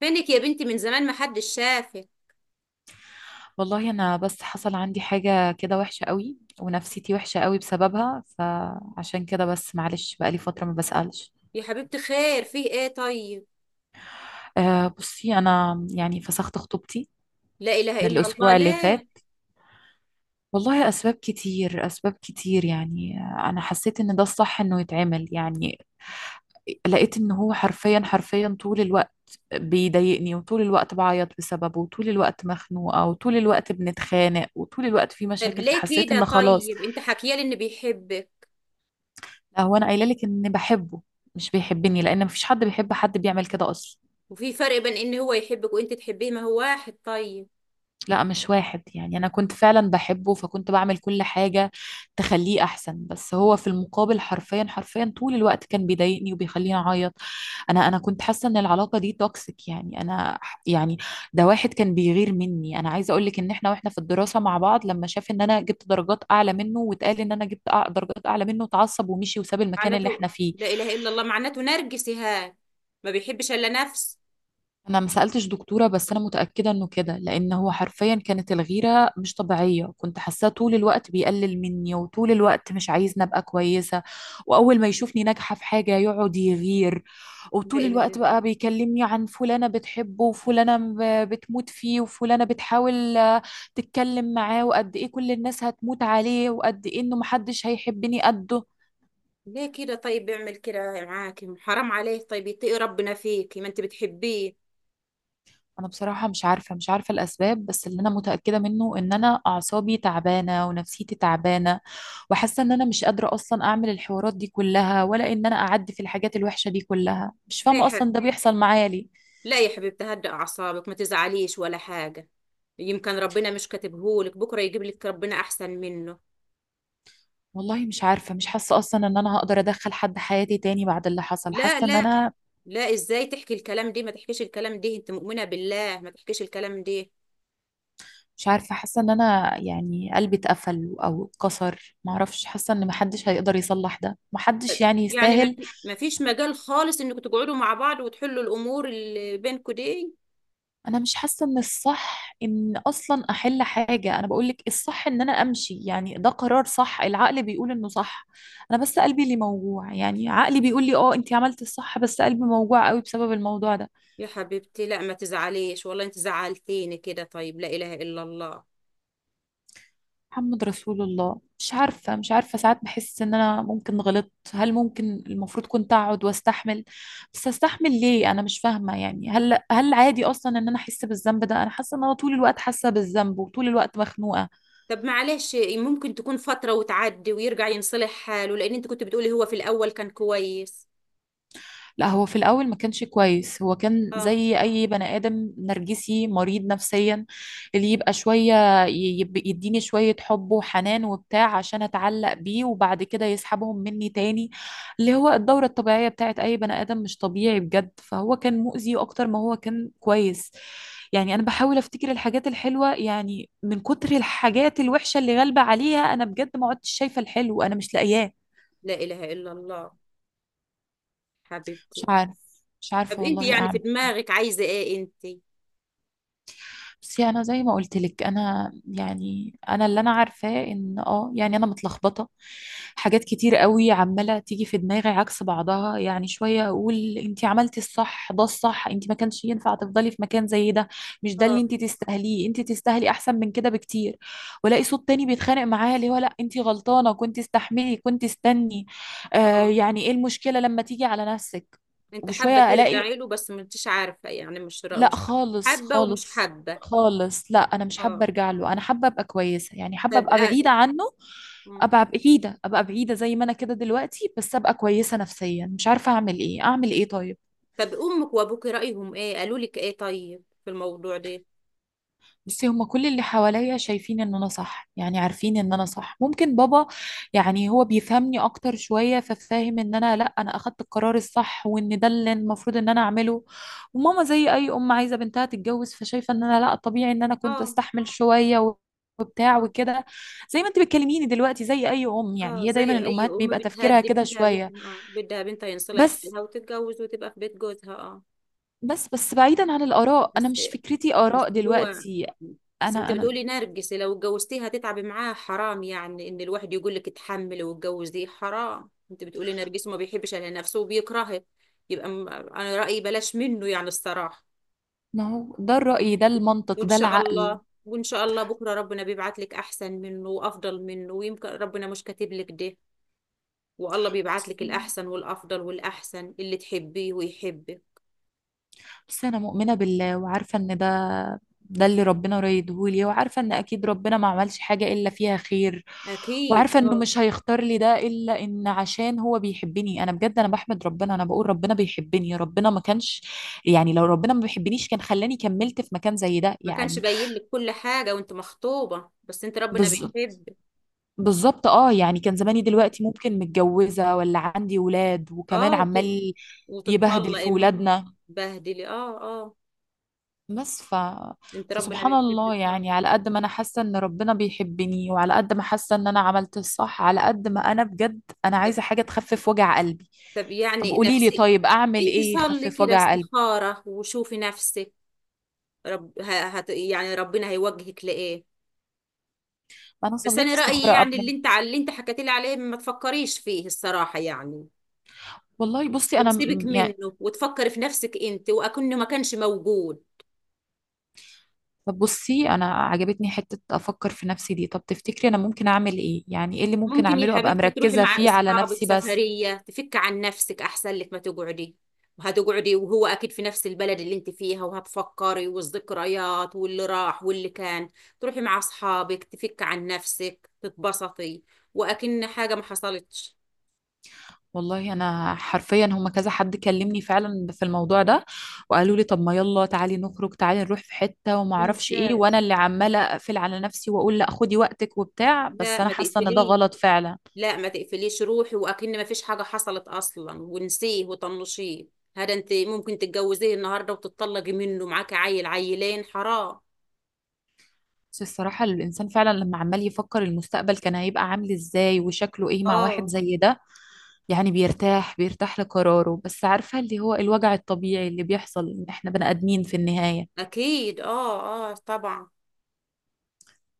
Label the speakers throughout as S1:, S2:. S1: فينك يا بنتي؟ من زمان ما حدش شافك.
S2: والله انا بس حصل عندي حاجة كده وحشة قوي ونفسيتي وحشة قوي بسببها، فعشان كده بس معلش بقالي فترة ما بسألش.
S1: يا حبيبتي، خير، فيه ايه طيب؟
S2: أه، بصي انا يعني فسخت خطوبتي
S1: لا اله
S2: من
S1: الا الله،
S2: الاسبوع اللي
S1: ليه؟
S2: فات. والله اسباب كتير اسباب كتير، يعني انا حسيت ان ده الصح انه يتعمل يعني. لقيت ان هو حرفيا حرفيا طول الوقت بيضايقني، وطول الوقت بعيط بسببه، وطول الوقت مخنوقة، وطول الوقت بنتخانق، وطول الوقت في
S1: طب
S2: مشاكل،
S1: ليه
S2: فحسيت
S1: كده؟
S2: ان خلاص.
S1: طيب انت حكيالي ان بيحبك.
S2: لا، هو انا قايله لك ان بحبه، مش بيحبني، لان مفيش حد بيحب حد بيعمل كده اصلا.
S1: وفي فرق بين ان هو يحبك وانت تحبيه؟ ما هو واحد طيب.
S2: لا، مش واحد، يعني انا كنت فعلا بحبه فكنت بعمل كل حاجه تخليه احسن، بس هو في المقابل حرفيا حرفيا طول الوقت كان بيضايقني وبيخليني اعيط. انا كنت حاسه ان العلاقه دي توكسيك، يعني يعني ده واحد كان بيغير مني. انا عايزه اقول لك ان احنا واحنا في الدراسه مع بعض، لما شاف ان انا جبت درجات اعلى منه واتقال ان انا جبت درجات اعلى منه، اتعصب ومشي وساب المكان اللي
S1: معناته،
S2: احنا فيه.
S1: لا اله الا الله، معناته نرجسي هاد، ما بيحبش الا نفس.
S2: انا ما سالتش دكتوره، بس انا متاكده انه كده، لان هو حرفيا كانت الغيره مش طبيعيه، كنت حاساه طول الوقت بيقلل مني، وطول الوقت مش عايزني ابقى كويسه. واول ما يشوفني ناجحه في حاجه يقعد يغير.
S1: لا
S2: وطول
S1: اله الا
S2: الوقت بقى
S1: الله،
S2: بيكلمني عن فلانه بتحبه، وفلانه بتموت فيه، وفلانه بتحاول تتكلم معاه، وقد ايه كل الناس هتموت عليه، وقد ايه انه محدش هيحبني قده.
S1: ليه كده؟ طيب بيعمل كده معاكي؟ حرام عليه، طيب يتقي ربنا فيكي، ما انت بتحبيه.
S2: انا بصراحة مش عارفة الاسباب، بس اللي انا متأكدة منه ان انا اعصابي تعبانة ونفسيتي تعبانة. وحاسة ان انا مش قادرة اصلا اعمل الحوارات دي كلها، ولا ان انا اعدي في الحاجات الوحشة دي كلها، مش فاهمة
S1: ليه؟
S2: اصلا ده بيحصل معايا ليه؟
S1: لا يا حبيبتي، هدأ أعصابك، ما تزعليش ولا حاجة. يمكن ربنا مش كاتبهولك، بكرة يجيب لك ربنا أحسن منه.
S2: والله مش عارفة، مش حاسة اصلا ان انا هقدر ادخل حد حياتي تاني بعد اللي حصل،
S1: لا
S2: حاسة ان
S1: لا
S2: انا
S1: لا، إزاي تحكي الكلام دي؟ ما تحكيش الكلام دي، أنت مؤمنة بالله، ما تحكيش الكلام دي.
S2: مش عارفة، حاسة ان انا يعني قلبي اتقفل او اتكسر، معرفش، حاسة ان محدش هيقدر يصلح ده، محدش يعني
S1: يعني
S2: يستاهل.
S1: ما فيش مجال خالص إنكم تقعدوا مع بعض وتحلوا الأمور اللي بينكم دي؟
S2: انا مش حاسه ان الصح ان اصلا احل حاجه، انا بقولك الصح ان انا امشي، يعني ده قرار صح، العقل بيقول انه صح. انا بس قلبي اللي موجوع، يعني عقلي بيقول لي اه انتي عملتي الصح، بس قلبي موجوع قوي بسبب الموضوع ده.
S1: يا حبيبتي لا، ما تزعليش، والله أنت زعلتيني كده، طيب، لا إله إلا الله.
S2: محمد رسول الله. مش عارفه ساعات بحس ان انا ممكن غلطت، هل ممكن المفروض كنت اقعد واستحمل؟ بس استحمل ليه؟ انا مش فاهمه، يعني هل عادي اصلا ان انا احس بالذنب ده؟ انا حاسه ان انا طول الوقت حاسه بالذنب وطول الوقت مخنوقه.
S1: طب معلش، ممكن تكون فترة وتعدي ويرجع ينصلح حاله، لأن أنت كنت بتقولي هو في الأول كان كويس.
S2: لا، هو في الأول ما كانش كويس، هو كان
S1: اه،
S2: زي أي بني آدم نرجسي مريض نفسيا. اللي يبقى شوية يديني شوية حب وحنان وبتاع، عشان أتعلق بيه، وبعد كده يسحبهم مني تاني. اللي هو الدورة الطبيعية بتاعت أي بني آدم مش طبيعي بجد، فهو كان مؤذي أكتر ما هو كان كويس. يعني أنا بحاول أفتكر الحاجات الحلوة، يعني من كتر الحاجات الوحشة اللي غالبة عليها أنا بجد ما عدتش شايفة الحلو، أنا مش لاقياه.
S1: لا إله إلا الله،
S2: مش
S1: حبيبتي.
S2: عارف مش
S1: طب
S2: عارفة
S1: أنت
S2: والله
S1: يعني في
S2: أعمل.
S1: دماغك عايزة إيه أنت؟
S2: بس انا زي ما قلت لك انا يعني انا اللي انا عارفاه ان يعني انا متلخبطه. حاجات كتير قوي عماله تيجي في دماغي عكس بعضها، يعني شويه اقول انت عملتي الصح، ده الصح، انت ما كانش ينفع تفضلي في مكان زي ده، مش ده
S1: اه
S2: اللي انت تستاهليه، انت تستاهلي احسن من كده بكتير. والاقي صوت تاني بيتخانق معايا اللي هو لا انت غلطانه، كنت استحملي، كنت استني. آه،
S1: اه،
S2: يعني ايه المشكله لما تيجي على نفسك.
S1: أنت حابة
S2: وبشويه الاقي
S1: ترجعي له بس ما أنتش عارفة، يعني
S2: لا
S1: مش
S2: خالص
S1: حابة ومش
S2: خالص.
S1: حابة؟
S2: خالص، لا انا مش حابه
S1: اه،
S2: ارجع له، انا حابه ابقى كويسه، يعني حابه
S1: طب
S2: ابقى
S1: آه،
S2: بعيده عنه.
S1: مم.
S2: ابقى بعيده، ابقى بعيده زي ما انا كده دلوقتي، بس ابقى كويسه نفسيا، مش عارفه اعمل ايه، اعمل ايه طيب؟
S1: طب أمك وأبوك رأيهم إيه، قالوا لك إيه طيب في الموضوع ده؟
S2: بصي، هما كل اللي حواليا شايفين ان انا صح، يعني عارفين ان انا صح، ممكن بابا يعني هو بيفهمني اكتر شوية، ففاهم ان انا لا انا اخدت القرار الصح، وان ده اللي المفروض ان انا اعمله. وماما زي اي ام عايزة بنتها تتجوز، فشايفة ان انا لا، طبيعي ان انا كنت
S1: اه
S2: استحمل شوية وبتاع
S1: اه
S2: وكده. زي ما انت بتكلميني دلوقتي زي اي ام،
S1: اه،
S2: يعني هي
S1: زي
S2: دايما
S1: أي
S2: الامهات
S1: أم
S2: بيبقى تفكيرها
S1: بتهدي
S2: كده
S1: بنتها،
S2: شوية.
S1: بنتها اه بدها بنتها ينصلح
S2: بس
S1: لها وتتجوز وتبقى في بيت جوزها. اه.
S2: بس بس، بعيدا عن الاراء انا
S1: بس
S2: مش فكرتي
S1: بس
S2: اراء
S1: هو
S2: دلوقتي.
S1: بس انت
S2: انا
S1: بتقولي
S2: انا
S1: نرجس، لو اتجوزتيها هتتعبي معاها، حرام يعني ان الواحد يقول لك اتحمل واتجوز، دي حرام، انت بتقولي نرجس ما بيحبش على نفسه وبيكرهه. يبقى انا رأيي بلاش منه يعني، الصراحة.
S2: ما هو ده الرأي، ده المنطق،
S1: وان
S2: ده
S1: شاء
S2: العقل.
S1: الله، وان شاء الله بكرة ربنا بيبعت لك احسن منه وافضل منه، ويمكن ربنا مش كاتب لك ده. والله بيبعت لك الاحسن والافضل والاحسن اللي تحبيه ويحبك.
S2: بس أنا مؤمنة بالله وعارفة إن ده اللي ربنا رايدهولي، وعارفة إن أكيد ربنا ما عملش حاجة إلا فيها خير.
S1: اكيد
S2: وعارفة إنه
S1: اه.
S2: مش هيختار لي ده إلا إن عشان هو بيحبني، أنا بجد أنا بحمد ربنا، أنا بقول ربنا بيحبني، ربنا ما كانش. يعني لو ربنا ما بيحبنيش كان خلاني كملت في مكان زي ده
S1: ما كانش
S2: يعني.
S1: باين لك كل حاجة وانت مخطوبة؟ بس انت ربنا
S2: بز...
S1: بيحب.
S2: بالظبط اه، يعني كان زماني
S1: مم.
S2: دلوقتي ممكن متجوزة ولا عندي ولاد وكمان
S1: اه
S2: عمال يبهدل في
S1: وتطلقي من.
S2: ولادنا.
S1: بهدلي، اه اه.
S2: بس ف...
S1: انت ربنا
S2: فسبحان الله،
S1: بيحبك طبعا.
S2: يعني على قد ما انا حاسه ان ربنا بيحبني، وعلى قد ما حاسه ان انا عملت الصح، على قد ما انا بجد انا
S1: طب،
S2: عايزه حاجه تخفف وجع قلبي.
S1: طب
S2: طب
S1: يعني
S2: قولي لي،
S1: نفسي.
S2: طيب اعمل
S1: انت
S2: ايه
S1: صلي
S2: يخفف
S1: كده
S2: وجع قلبي؟
S1: استخارة وشوفي نفسك. يعني ربنا هيوجهك لإيه.
S2: ما انا
S1: بس
S2: صليت
S1: انا رأيي،
S2: استخاره
S1: يعني
S2: قبل.
S1: اللي انت على اللي انت حكيت لي عليه ما تفكريش فيه الصراحة يعني،
S2: والله بصي انا
S1: وتسيبك
S2: يعني.
S1: منه وتفكري في نفسك انت وأكنه ما كانش موجود.
S2: طب بصي، انا عجبتني حته افكر في نفسي دي، طب تفتكري انا ممكن اعمل ايه، يعني ايه اللي ممكن
S1: ممكن يا
S2: اعمله ابقى
S1: حبيبتي تروحي
S2: مركزه
S1: مع
S2: فيه على
S1: اصحابك
S2: نفسي بس؟
S1: سفرية، تفك عن نفسك، احسن لك ما تقعدي. وهتقعدي وهو اكيد في نفس البلد اللي انت فيها وهتفكري، والذكريات واللي راح واللي كان. تروحي مع اصحابك، تفك عن نفسك، تتبسطي، واكن حاجة ما حصلتش.
S2: والله انا حرفيا هم كذا حد كلمني فعلا في الموضوع ده، وقالوا لي طب ما يلا تعالي نخرج، تعالي نروح في حته وما اعرفش ايه،
S1: ممتاز.
S2: وانا اللي عماله اقفل على نفسي واقول لا خدي وقتك وبتاع، بس
S1: لا،
S2: انا
S1: ما
S2: حاسه ان ده
S1: تقفليش.
S2: غلط فعلا.
S1: لا ما تقفليش، روحي واكن ما فيش حاجة حصلت اصلا، ونسيه وطنشيه. هذا انت ممكن تتجوزيه النهارده وتتطلقي منه، معاكي عيل عيلين، حرام.
S2: بس الصراحه الانسان فعلا لما عمال يفكر المستقبل كان هيبقى عامل ازاي وشكله ايه مع واحد
S1: اه
S2: زي ده، يعني بيرتاح، بيرتاح لقراره، بس عارفه اللي هو الوجع الطبيعي اللي بيحصل ان احنا بني ادمين في النهايه.
S1: اكيد، اه اه طبعا.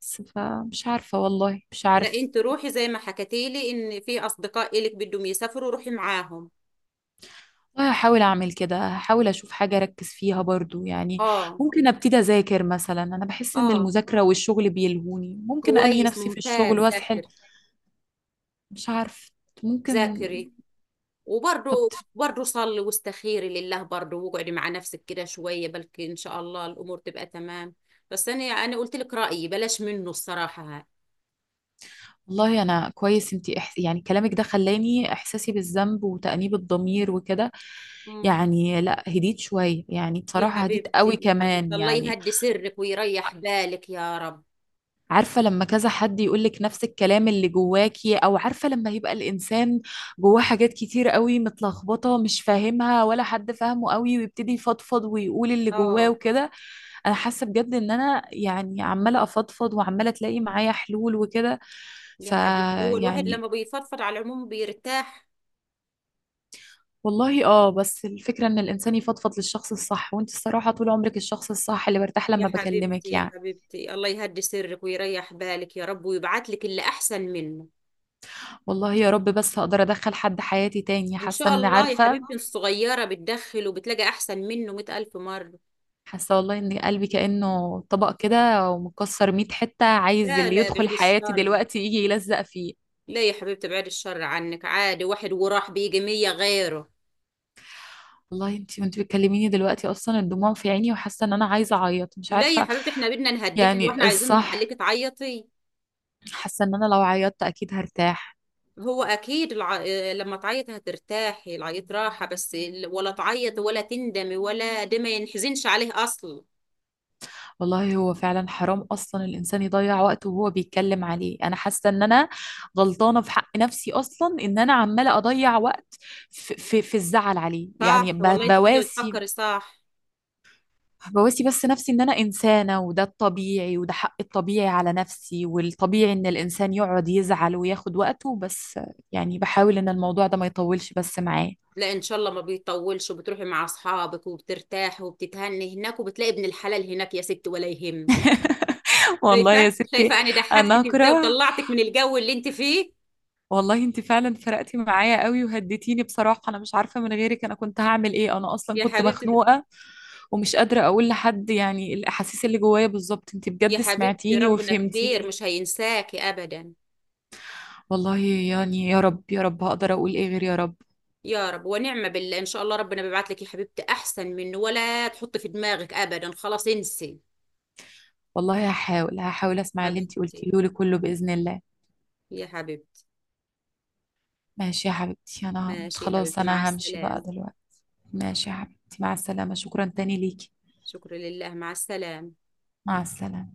S2: بس فمش عارفه، والله مش
S1: لا
S2: عارفه.
S1: انت روحي زي ما حكتيلي ان في اصدقاء الك بدهم يسافروا، روحي معاهم.
S2: والله هحاول اعمل كده، هحاول اشوف حاجه اركز فيها برضو يعني.
S1: اه
S2: ممكن ابتدي اذاكر مثلا، انا بحس ان
S1: اه،
S2: المذاكره والشغل بيلهوني، ممكن الهي
S1: كويس
S2: نفسي في الشغل
S1: ممتاز، ذاكر.
S2: واسحل. مش عارف، ممكن.
S1: ذاكري.
S2: طب
S1: وبرضه، برضه صلي واستخيري لله برضه، واقعدي مع نفسك كده شويه، بلكي ان شاء الله الامور تبقى تمام. بس انا قلت لك رايي بلاش منه الصراحه، ها.
S2: والله انا كويس، انتي يعني كلامك ده خلاني احساسي بالذنب وتأنيب الضمير وكده.
S1: مم.
S2: يعني لا هديت شويه، يعني
S1: يا
S2: بصراحه هديت
S1: حبيبتي
S2: قوي
S1: يا حبيبتي،
S2: كمان
S1: الله
S2: يعني.
S1: يهدي سرك ويريح بالك يا رب.
S2: عارفة لما كذا حد يقولك نفس الكلام اللي جواكي، أو عارفة لما يبقى الإنسان جواه حاجات كتير قوي متلخبطة مش فاهمها ولا حد فاهمه قوي، ويبتدي يفضفض ويقول اللي جواه
S1: اه،
S2: وكده. أنا حاسة بجد إن أنا يعني عمالة أفضفض، وعمالة تلاقي معايا حلول وكده.
S1: يا حبيبتي، هو الواحد
S2: فيعني
S1: لما بيفضفض على العموم بيرتاح.
S2: والله اه، بس الفكرة إن الإنسان يفضفض للشخص الصح، وأنت الصراحة طول عمرك الشخص الصح اللي برتاح
S1: يا
S2: لما
S1: حبيبتي
S2: بكلمك
S1: يا
S2: يعني.
S1: حبيبتي، الله يهدي سرك ويريح بالك يا رب، ويبعت لك اللي أحسن منه.
S2: والله يا رب، بس هقدر ادخل حد حياتي تاني؟
S1: إن
S2: حاسه
S1: شاء
S2: ان
S1: الله يا
S2: عارفه.
S1: حبيبتي الصغيرة، بتدخل وبتلاقي أحسن منه 100 ألف مرة.
S2: حاسه والله ان قلبي كانه طبق كده ومكسر 100 حته، عايز
S1: لا
S2: اللي
S1: لا،
S2: يدخل
S1: بعيد
S2: حياتي
S1: الشر.
S2: دلوقتي يجي يلزق فيه.
S1: لا يا حبيبتي، بعيد الشر عنك، عادي، واحد وراح بيجي 100 غيره.
S2: والله انتي وانتي بتكلميني دلوقتي اصلا الدموع في عيني، وحاسه ان انا عايزه اعيط، مش
S1: لا يا
S2: عارفه.
S1: حبيبتي، احنا بدنا نهديك، واحنا
S2: يعني
S1: عايزين نخليك
S2: الصح،
S1: تعيطي.
S2: حاسه ان انا لو عيطت اكيد هرتاح.
S1: هو أكيد الع... لما تعيطي هترتاحي، العيط راحة، بس ولا تعيطي ولا تندمي، ولا ده ما ينحزنش عليه أصلا.
S2: والله هو فعلا حرام اصلا الانسان يضيع وقته وهو بيتكلم عليه، انا حاسه ان انا غلطانه في حق نفسي اصلا، ان انا عماله اضيع وقت في الزعل عليه، يعني
S1: صح والله، انت كده
S2: بواسي
S1: بتفكري صح.
S2: بواسي بس نفسي ان انا انسانه، وده الطبيعي، وده حق الطبيعي على نفسي، والطبيعي ان الانسان يقعد يزعل وياخد وقته بس. يعني بحاول ان الموضوع ده ما يطولش بس معاه.
S1: لا ان شاء الله ما بيطولش، وبتروحي مع اصحابك وبترتاحي وبتتهني هناك، وبتلاقي ابن الحلال هناك، يا ست ولا يهم.
S2: والله يا
S1: شايفه
S2: ستي،
S1: شايفه انا
S2: انا
S1: ضحكتك ازاي
S2: اكره.
S1: وطلعتك من الجو اللي انت فيه.
S2: والله انت فعلا فرقتي معايا قوي وهديتيني، بصراحه انا مش عارفه من غيرك انا كنت هعمل ايه، انا اصلا
S1: يا
S2: كنت
S1: حبيبتي،
S2: مخنوقه ومش قادره اقول لحد يعني الاحاسيس اللي جوايا بالظبط، انت
S1: يا
S2: بجد
S1: حبيبتي،
S2: سمعتيني
S1: ربنا كبير
S2: وفهمتيني.
S1: مش هينساكي ابدا.
S2: والله يعني يا رب يا رب، هقدر اقول ايه غير يا رب.
S1: يا رب، ونعمه بالله، ان شاء الله ربنا بيبعت لك يا حبيبتي احسن منه، ولا تحطي في دماغك ابدا، خلاص انسي.
S2: والله هحاول هحاول اسمع اللي انتي
S1: حبيبتي،
S2: قلتيه لي كله باذن الله.
S1: يا حبيبتي.
S2: ماشي يا حبيبتي، انا
S1: ماشي يا
S2: خلاص
S1: حبيبتي، مع
S2: انا همشي بقى
S1: السلامه.
S2: دلوقتي. ماشي يا حبيبتي، مع السلامه، شكرا تاني ليكي.
S1: شكرا لله، مع السلامه.
S2: مع السلامه.